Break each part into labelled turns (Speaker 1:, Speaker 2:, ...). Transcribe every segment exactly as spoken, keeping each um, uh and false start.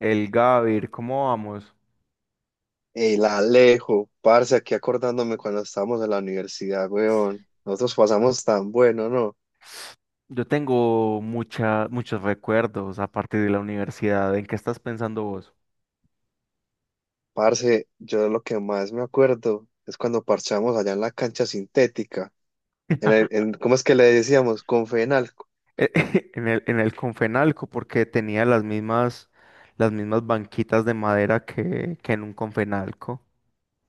Speaker 1: El Gavir, ¿cómo vamos?
Speaker 2: El Alejo, parce, aquí acordándome cuando estábamos en la universidad, weón. Nosotros pasamos tan bueno, ¿no?
Speaker 1: Yo tengo mucha, muchos recuerdos a partir de la universidad. ¿En qué estás pensando vos?
Speaker 2: Parce, yo lo que más me acuerdo es cuando parchamos allá en la cancha sintética. En el- en- ¿cómo es que le decíamos? Confenal.
Speaker 1: Eh, En el, en el Confenalco, porque tenía las mismas, las mismas banquitas de madera que, que en un Confenalco.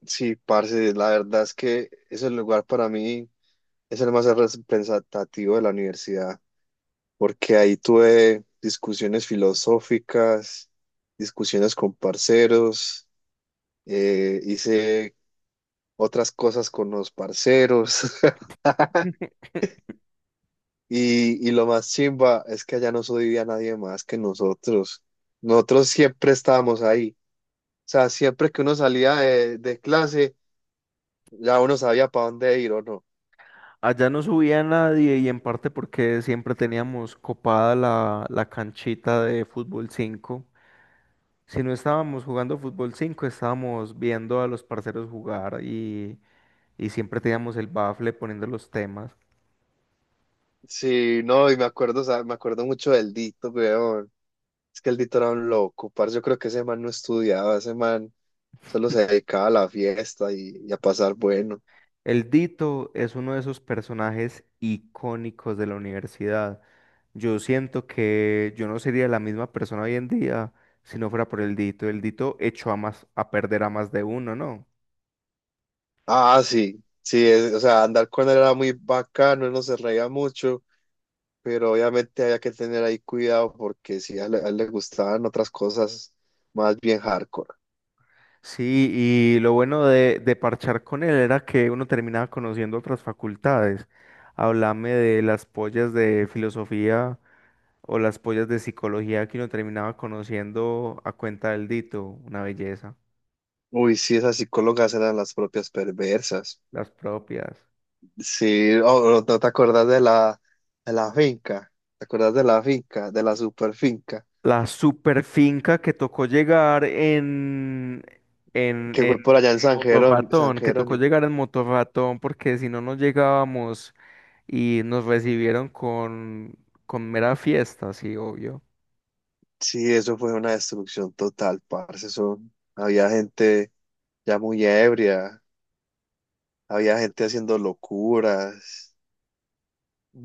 Speaker 2: Sí, parce, la verdad es que ese lugar para mí es el más representativo de la universidad, porque ahí tuve discusiones filosóficas, discusiones con parceros, eh, hice otras cosas con los parceros.
Speaker 1: Mm.
Speaker 2: Y, y lo más chimba es que allá no subía nadie más que nosotros. Nosotros siempre estábamos ahí. O sea, siempre que uno salía de, de clase, ya uno sabía para dónde ir o no.
Speaker 1: Allá no subía nadie y en parte porque siempre teníamos copada la, la canchita de fútbol cinco. Si no estábamos jugando fútbol cinco estábamos viendo a los parceros jugar y, y siempre teníamos el bafle poniendo los temas.
Speaker 2: Sí, no, y me acuerdo, o sea, me acuerdo mucho del Dito, weón. Es que el Dito era un loco, parce. Yo creo que ese man no estudiaba, ese man solo se dedicaba a la fiesta y, y a pasar bueno.
Speaker 1: El Dito es uno de esos personajes icónicos de la universidad. Yo siento que yo no sería la misma persona hoy en día si no fuera por el Dito. El Dito echó a más, a perder a más de uno, ¿no?
Speaker 2: Ah, sí, sí, es- o sea, andar con él era muy bacano, él no se reía mucho, pero obviamente había que tener ahí cuidado porque si a él, a él le gustaban otras cosas más bien hardcore.
Speaker 1: Sí, y lo bueno de, de parchar con él era que uno terminaba conociendo otras facultades. Háblame de las pollas de filosofía o las pollas de psicología que uno terminaba conociendo a cuenta del Dito, una belleza,
Speaker 2: Uy, sí, esas psicólogas eran las propias perversas.
Speaker 1: las propias.
Speaker 2: Sí, oh, ¿no te acuerdas de la, de la finca? ¿Te acuerdas de la finca, de la super finca?
Speaker 1: La super finca que tocó llegar en, en,
Speaker 2: Que
Speaker 1: en,
Speaker 2: fue por allá en
Speaker 1: en
Speaker 2: San Jerónimo, San
Speaker 1: Motorratón, que tocó
Speaker 2: Jerónimo.
Speaker 1: llegar en Motorratón porque si no, no llegábamos y nos recibieron con, con mera fiesta, sí, obvio.
Speaker 2: Sí, eso fue una destrucción total, parce. Eso, había gente ya muy ebria, había gente haciendo locuras.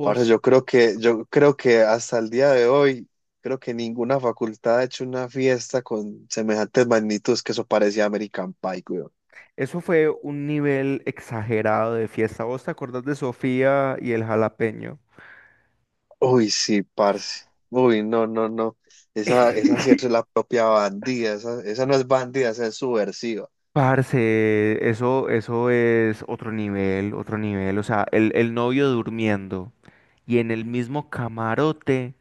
Speaker 2: Parce, yo creo que, yo creo que hasta el día de hoy, creo que ninguna facultad ha hecho una fiesta con semejantes magnitudes. Que eso parecía American Pie, weón.
Speaker 1: eso fue un nivel exagerado de fiesta. ¿Vos te acordás de Sofía y el jalapeño?
Speaker 2: Uy, sí, parce. Uy, no, no, no. Esa, esa sí es la propia bandida. Esa, esa no es bandida, esa es subversiva.
Speaker 1: Parce, eso, eso es otro nivel, otro nivel. O sea, el, el novio durmiendo y en el mismo camarote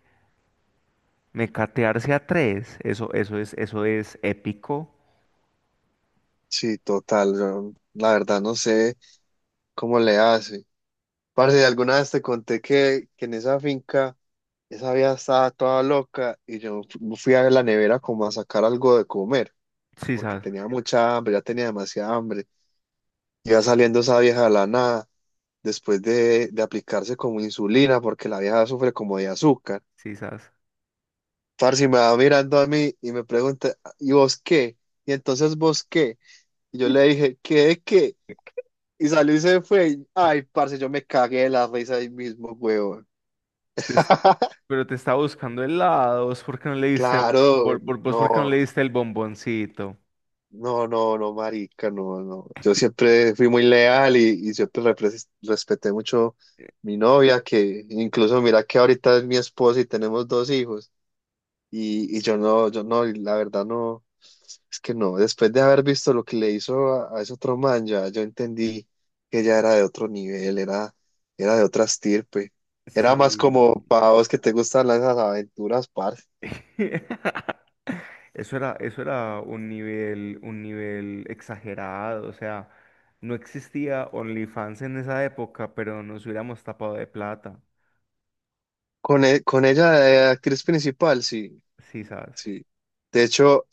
Speaker 1: mecatearse a tres. Eso, eso es, eso es épico.
Speaker 2: Sí, total. Yo, la verdad, no sé cómo le hace. Parce, alguna vez te conté que, que en esa finca, esa vida estaba toda loca y yo fu- fui a la nevera como a sacar algo de comer,
Speaker 1: Sí,
Speaker 2: porque
Speaker 1: sas,
Speaker 2: tenía mucha hambre, ya tenía demasiada hambre. Iba saliendo esa vieja de la nada, después de, de aplicarse como insulina, porque la vieja sufre como de azúcar.
Speaker 1: sí, sas.
Speaker 2: Parce, y me va mirando a mí y me pregunta, ¿y vos qué? Y entonces, ¿vos qué? Y yo le dije, ¿qué de qué? Y salió y se fue. y- Ay, parce, yo me cagué de la risa ahí mismo, huevón.
Speaker 1: Te es- Pero te está buscando helados, ¿por qué no le diste,
Speaker 2: Claro,
Speaker 1: por, por- vos por qué no le
Speaker 2: no.
Speaker 1: diste el bomboncito?
Speaker 2: No, no, no, marica, no, no. Yo siempre fui muy leal y, y siempre repres- respeté mucho mi novia, que incluso mira que ahorita es mi esposa y tenemos dos hijos. Y, y yo no, yo no, y la verdad no, es que no. Después de haber visto lo que le hizo a, a ese otro man, ya yo entendí que ella era de otro nivel, era, era de otra estirpe. Era más como
Speaker 1: Sí.
Speaker 2: para vos que te gustan las esas aventuras, parce.
Speaker 1: Eso era, eso era un nivel, un nivel exagerado, o sea, no existía OnlyFans en esa época, pero nos hubiéramos tapado de plata,
Speaker 2: Con, e- con ella, de actriz principal, sí,
Speaker 1: sí, ¿sabes?
Speaker 2: sí. De hecho,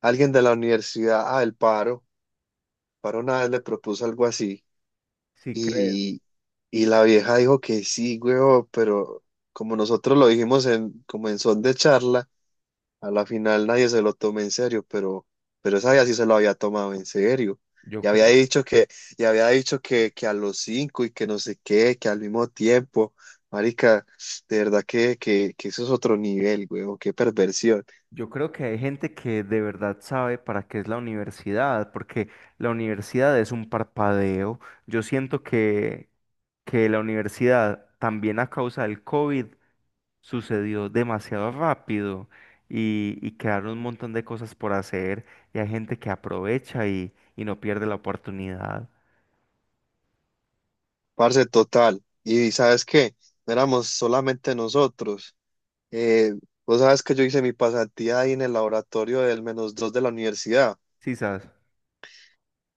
Speaker 2: alguien de la universidad, ah, el paro, paro una vez le propuso algo así
Speaker 1: Sí creo.
Speaker 2: y, y la vieja dijo que sí, huevo, pero como nosotros lo dijimos en, como en son de charla, a la final nadie se lo tomó en serio, pero, pero esa vieja sí se lo había tomado en serio. Y
Speaker 1: Yo
Speaker 2: había
Speaker 1: creo.
Speaker 2: dicho que, y había dicho que, que a los cinco y que no sé qué, que al mismo tiempo, marica, de verdad que, que, que eso es otro nivel, huevo, qué perversión.
Speaker 1: Yo creo que hay gente que de verdad sabe para qué es la universidad, porque la universidad es un parpadeo. Yo siento que, que la universidad también a causa del COVID sucedió demasiado rápido y, y quedaron un montón de cosas por hacer y hay gente que aprovecha y, y no pierde la oportunidad.
Speaker 2: Parce, total. Y sabes qué, no éramos solamente nosotros. Eh, vos sabes que yo hice mi pasantía ahí en el laboratorio del menos dos de la universidad.
Speaker 1: Quizás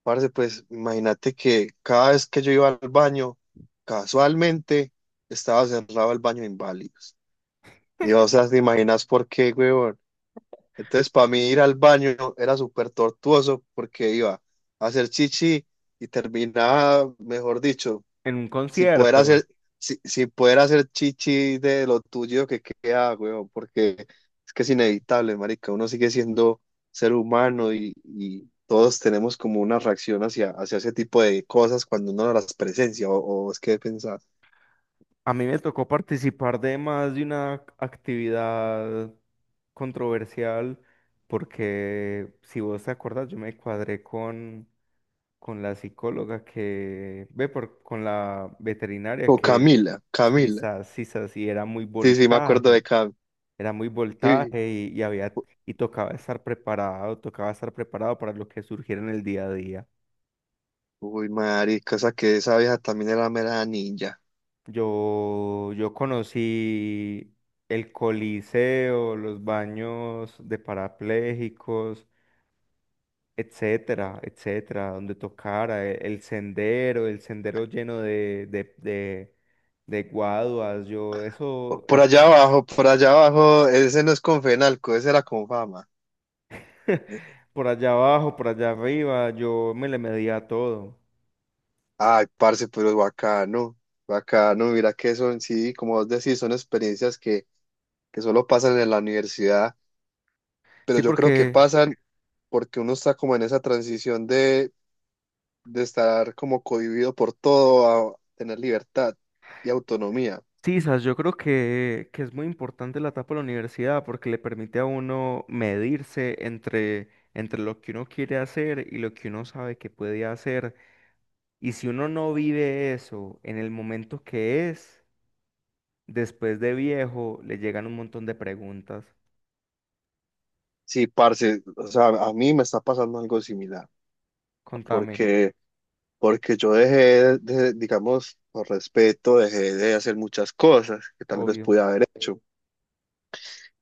Speaker 2: Parce, pues imagínate que cada vez que yo iba al baño, casualmente estaba cerrado el baño de inválidos. Y o sea, te imaginas por qué, huevón. Entonces, para mí ir al baño era súper tortuoso porque iba a hacer chichi y terminaba, mejor dicho,
Speaker 1: en un
Speaker 2: Si poder
Speaker 1: concierto.
Speaker 2: hacer, si, si poder hacer chichi de lo tuyo que queda, weón, porque es que es inevitable, marica. Uno sigue siendo ser humano y, y todos tenemos como una reacción hacia, hacia ese tipo de cosas cuando uno no las presencia, o, o es que pensar.
Speaker 1: A mí me tocó participar de más de una actividad controversial porque, si vos te acuerdas, yo me cuadré con, con la psicóloga que, ve, por, con la veterinaria
Speaker 2: O
Speaker 1: que,
Speaker 2: Camila, Camila.
Speaker 1: sisas, sisas, y era muy
Speaker 2: Sí, sí, me acuerdo
Speaker 1: voltaje,
Speaker 2: de Cam.
Speaker 1: era muy
Speaker 2: Sí.
Speaker 1: voltaje y, y había, y tocaba estar preparado, tocaba estar preparado para lo que surgiera en el día a día.
Speaker 2: Uy, marica, esa que esa vieja también era mera ninja.
Speaker 1: Yo, yo conocí el Coliseo, los baños de parapléjicos, etcétera, etcétera, donde tocara, e- el, sendero, el sendero lleno de, de, de, de guaduas, yo, eso,
Speaker 2: Por
Speaker 1: eso,
Speaker 2: allá abajo, por allá abajo, ese no es con Fenalco, ese era con fama.
Speaker 1: por allá abajo, por allá arriba, yo me le medía a todo.
Speaker 2: Ay, parce, pero bacano, bacano, mira que son, sí, como vos decís, son experiencias que, que solo pasan en la universidad, pero
Speaker 1: Sí,
Speaker 2: yo creo que
Speaker 1: porque
Speaker 2: pasan porque uno está como en esa transición de, de estar como cohibido por todo a tener libertad y autonomía.
Speaker 1: sí, sas, yo creo que, que es muy importante la etapa de la universidad porque le permite a uno medirse entre, entre lo que uno quiere hacer y lo que uno sabe que puede hacer. Y si uno no vive eso en el momento que es, después de viejo, le llegan un montón de preguntas.
Speaker 2: Sí, parce, o sea, a mí me está pasando algo similar,
Speaker 1: Contame,
Speaker 2: porque, porque yo dejé de, digamos, por respeto, dejé de hacer muchas cosas que tal vez
Speaker 1: obvio.
Speaker 2: pude haber hecho.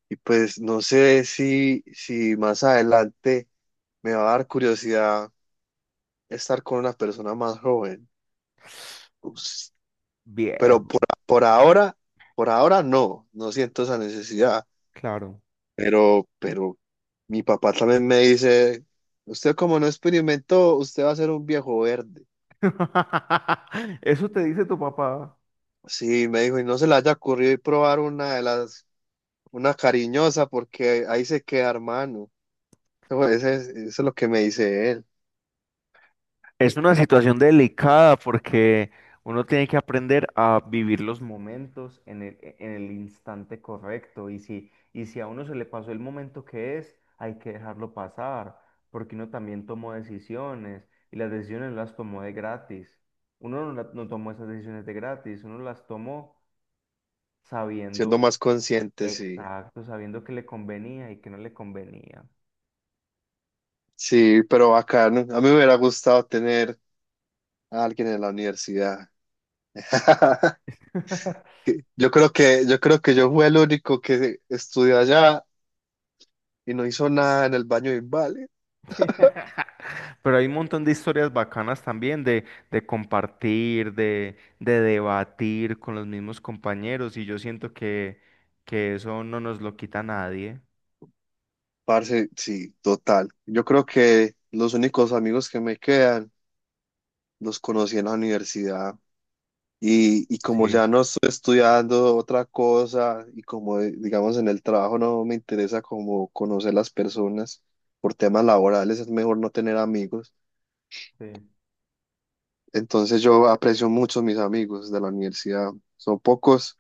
Speaker 2: Y pues no sé si, si más adelante me va a dar curiosidad estar con una persona más joven. Ups. Pero
Speaker 1: Viejo,
Speaker 2: por, por ahora, por ahora no, no siento esa necesidad.
Speaker 1: claro.
Speaker 2: Pero, pero mi papá también me dice, usted como no experimentó, usted va a ser un viejo verde.
Speaker 1: Eso te dice tu papá.
Speaker 2: Sí, me dijo, y no se le haya ocurrido ir probar una de las, una cariñosa, porque ahí se queda, hermano. Eso ese es, eso es lo que me dice él,
Speaker 1: Es una situación delicada porque uno tiene que aprender a vivir los momentos en el, e, en el instante correcto y si, y si a uno se le pasó el momento que es, hay que dejarlo pasar porque uno también tomó decisiones y las decisiones las tomó de gratis. Uno no, la- no tomó esas decisiones de gratis, uno las tomó
Speaker 2: siendo
Speaker 1: sabiendo
Speaker 2: más consciente, sí.
Speaker 1: exacto, sabiendo que le convenía y que no le convenía.
Speaker 2: Sí, pero bacano. A mí me hubiera gustado tener a alguien en la universidad. Yo creo que, yo creo que yo fui el único que estudió allá y no hizo nada en el baño de Invale.
Speaker 1: Pero hay un montón de historias bacanas también de, de compartir, de, de debatir con los mismos compañeros y yo siento que, que eso no nos lo quita nadie.
Speaker 2: Parce, sí, total. Yo creo que los únicos amigos que me quedan los conocí en la universidad. Y, y como
Speaker 1: Sí.
Speaker 2: ya no estoy estudiando otra cosa y como eh, digamos en el trabajo no me interesa como conocer las personas por temas laborales, es mejor no tener amigos.
Speaker 1: Sí.
Speaker 2: Entonces yo aprecio mucho a mis amigos de la universidad. Son pocos,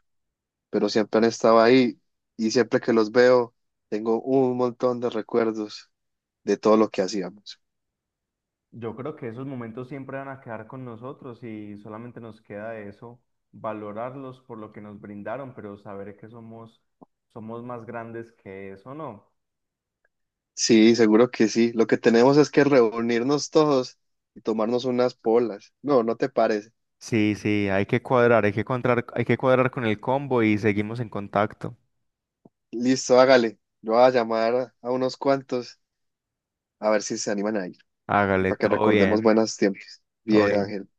Speaker 2: pero siempre han estado ahí y siempre que los veo tengo un montón de recuerdos de todo lo que hacíamos.
Speaker 1: Yo creo que esos momentos siempre van a quedar con nosotros y solamente nos queda eso, valorarlos por lo que nos brindaron, pero saber que somos, somos más grandes que eso, ¿no?
Speaker 2: Sí, seguro que sí. Lo que tenemos es que reunirnos todos y tomarnos unas polas. ¿No, no te parece?
Speaker 1: Sí, sí, hay que cuadrar, hay que cuadrar, hay que cuadrar con el combo y seguimos en contacto.
Speaker 2: Listo, hágale. Yo voy a llamar a unos cuantos a ver si se animan a ir y
Speaker 1: Hágale,
Speaker 2: para que
Speaker 1: todo
Speaker 2: recordemos
Speaker 1: bien,
Speaker 2: buenos tiempos.
Speaker 1: todo
Speaker 2: Bien,
Speaker 1: bien.
Speaker 2: Ángel.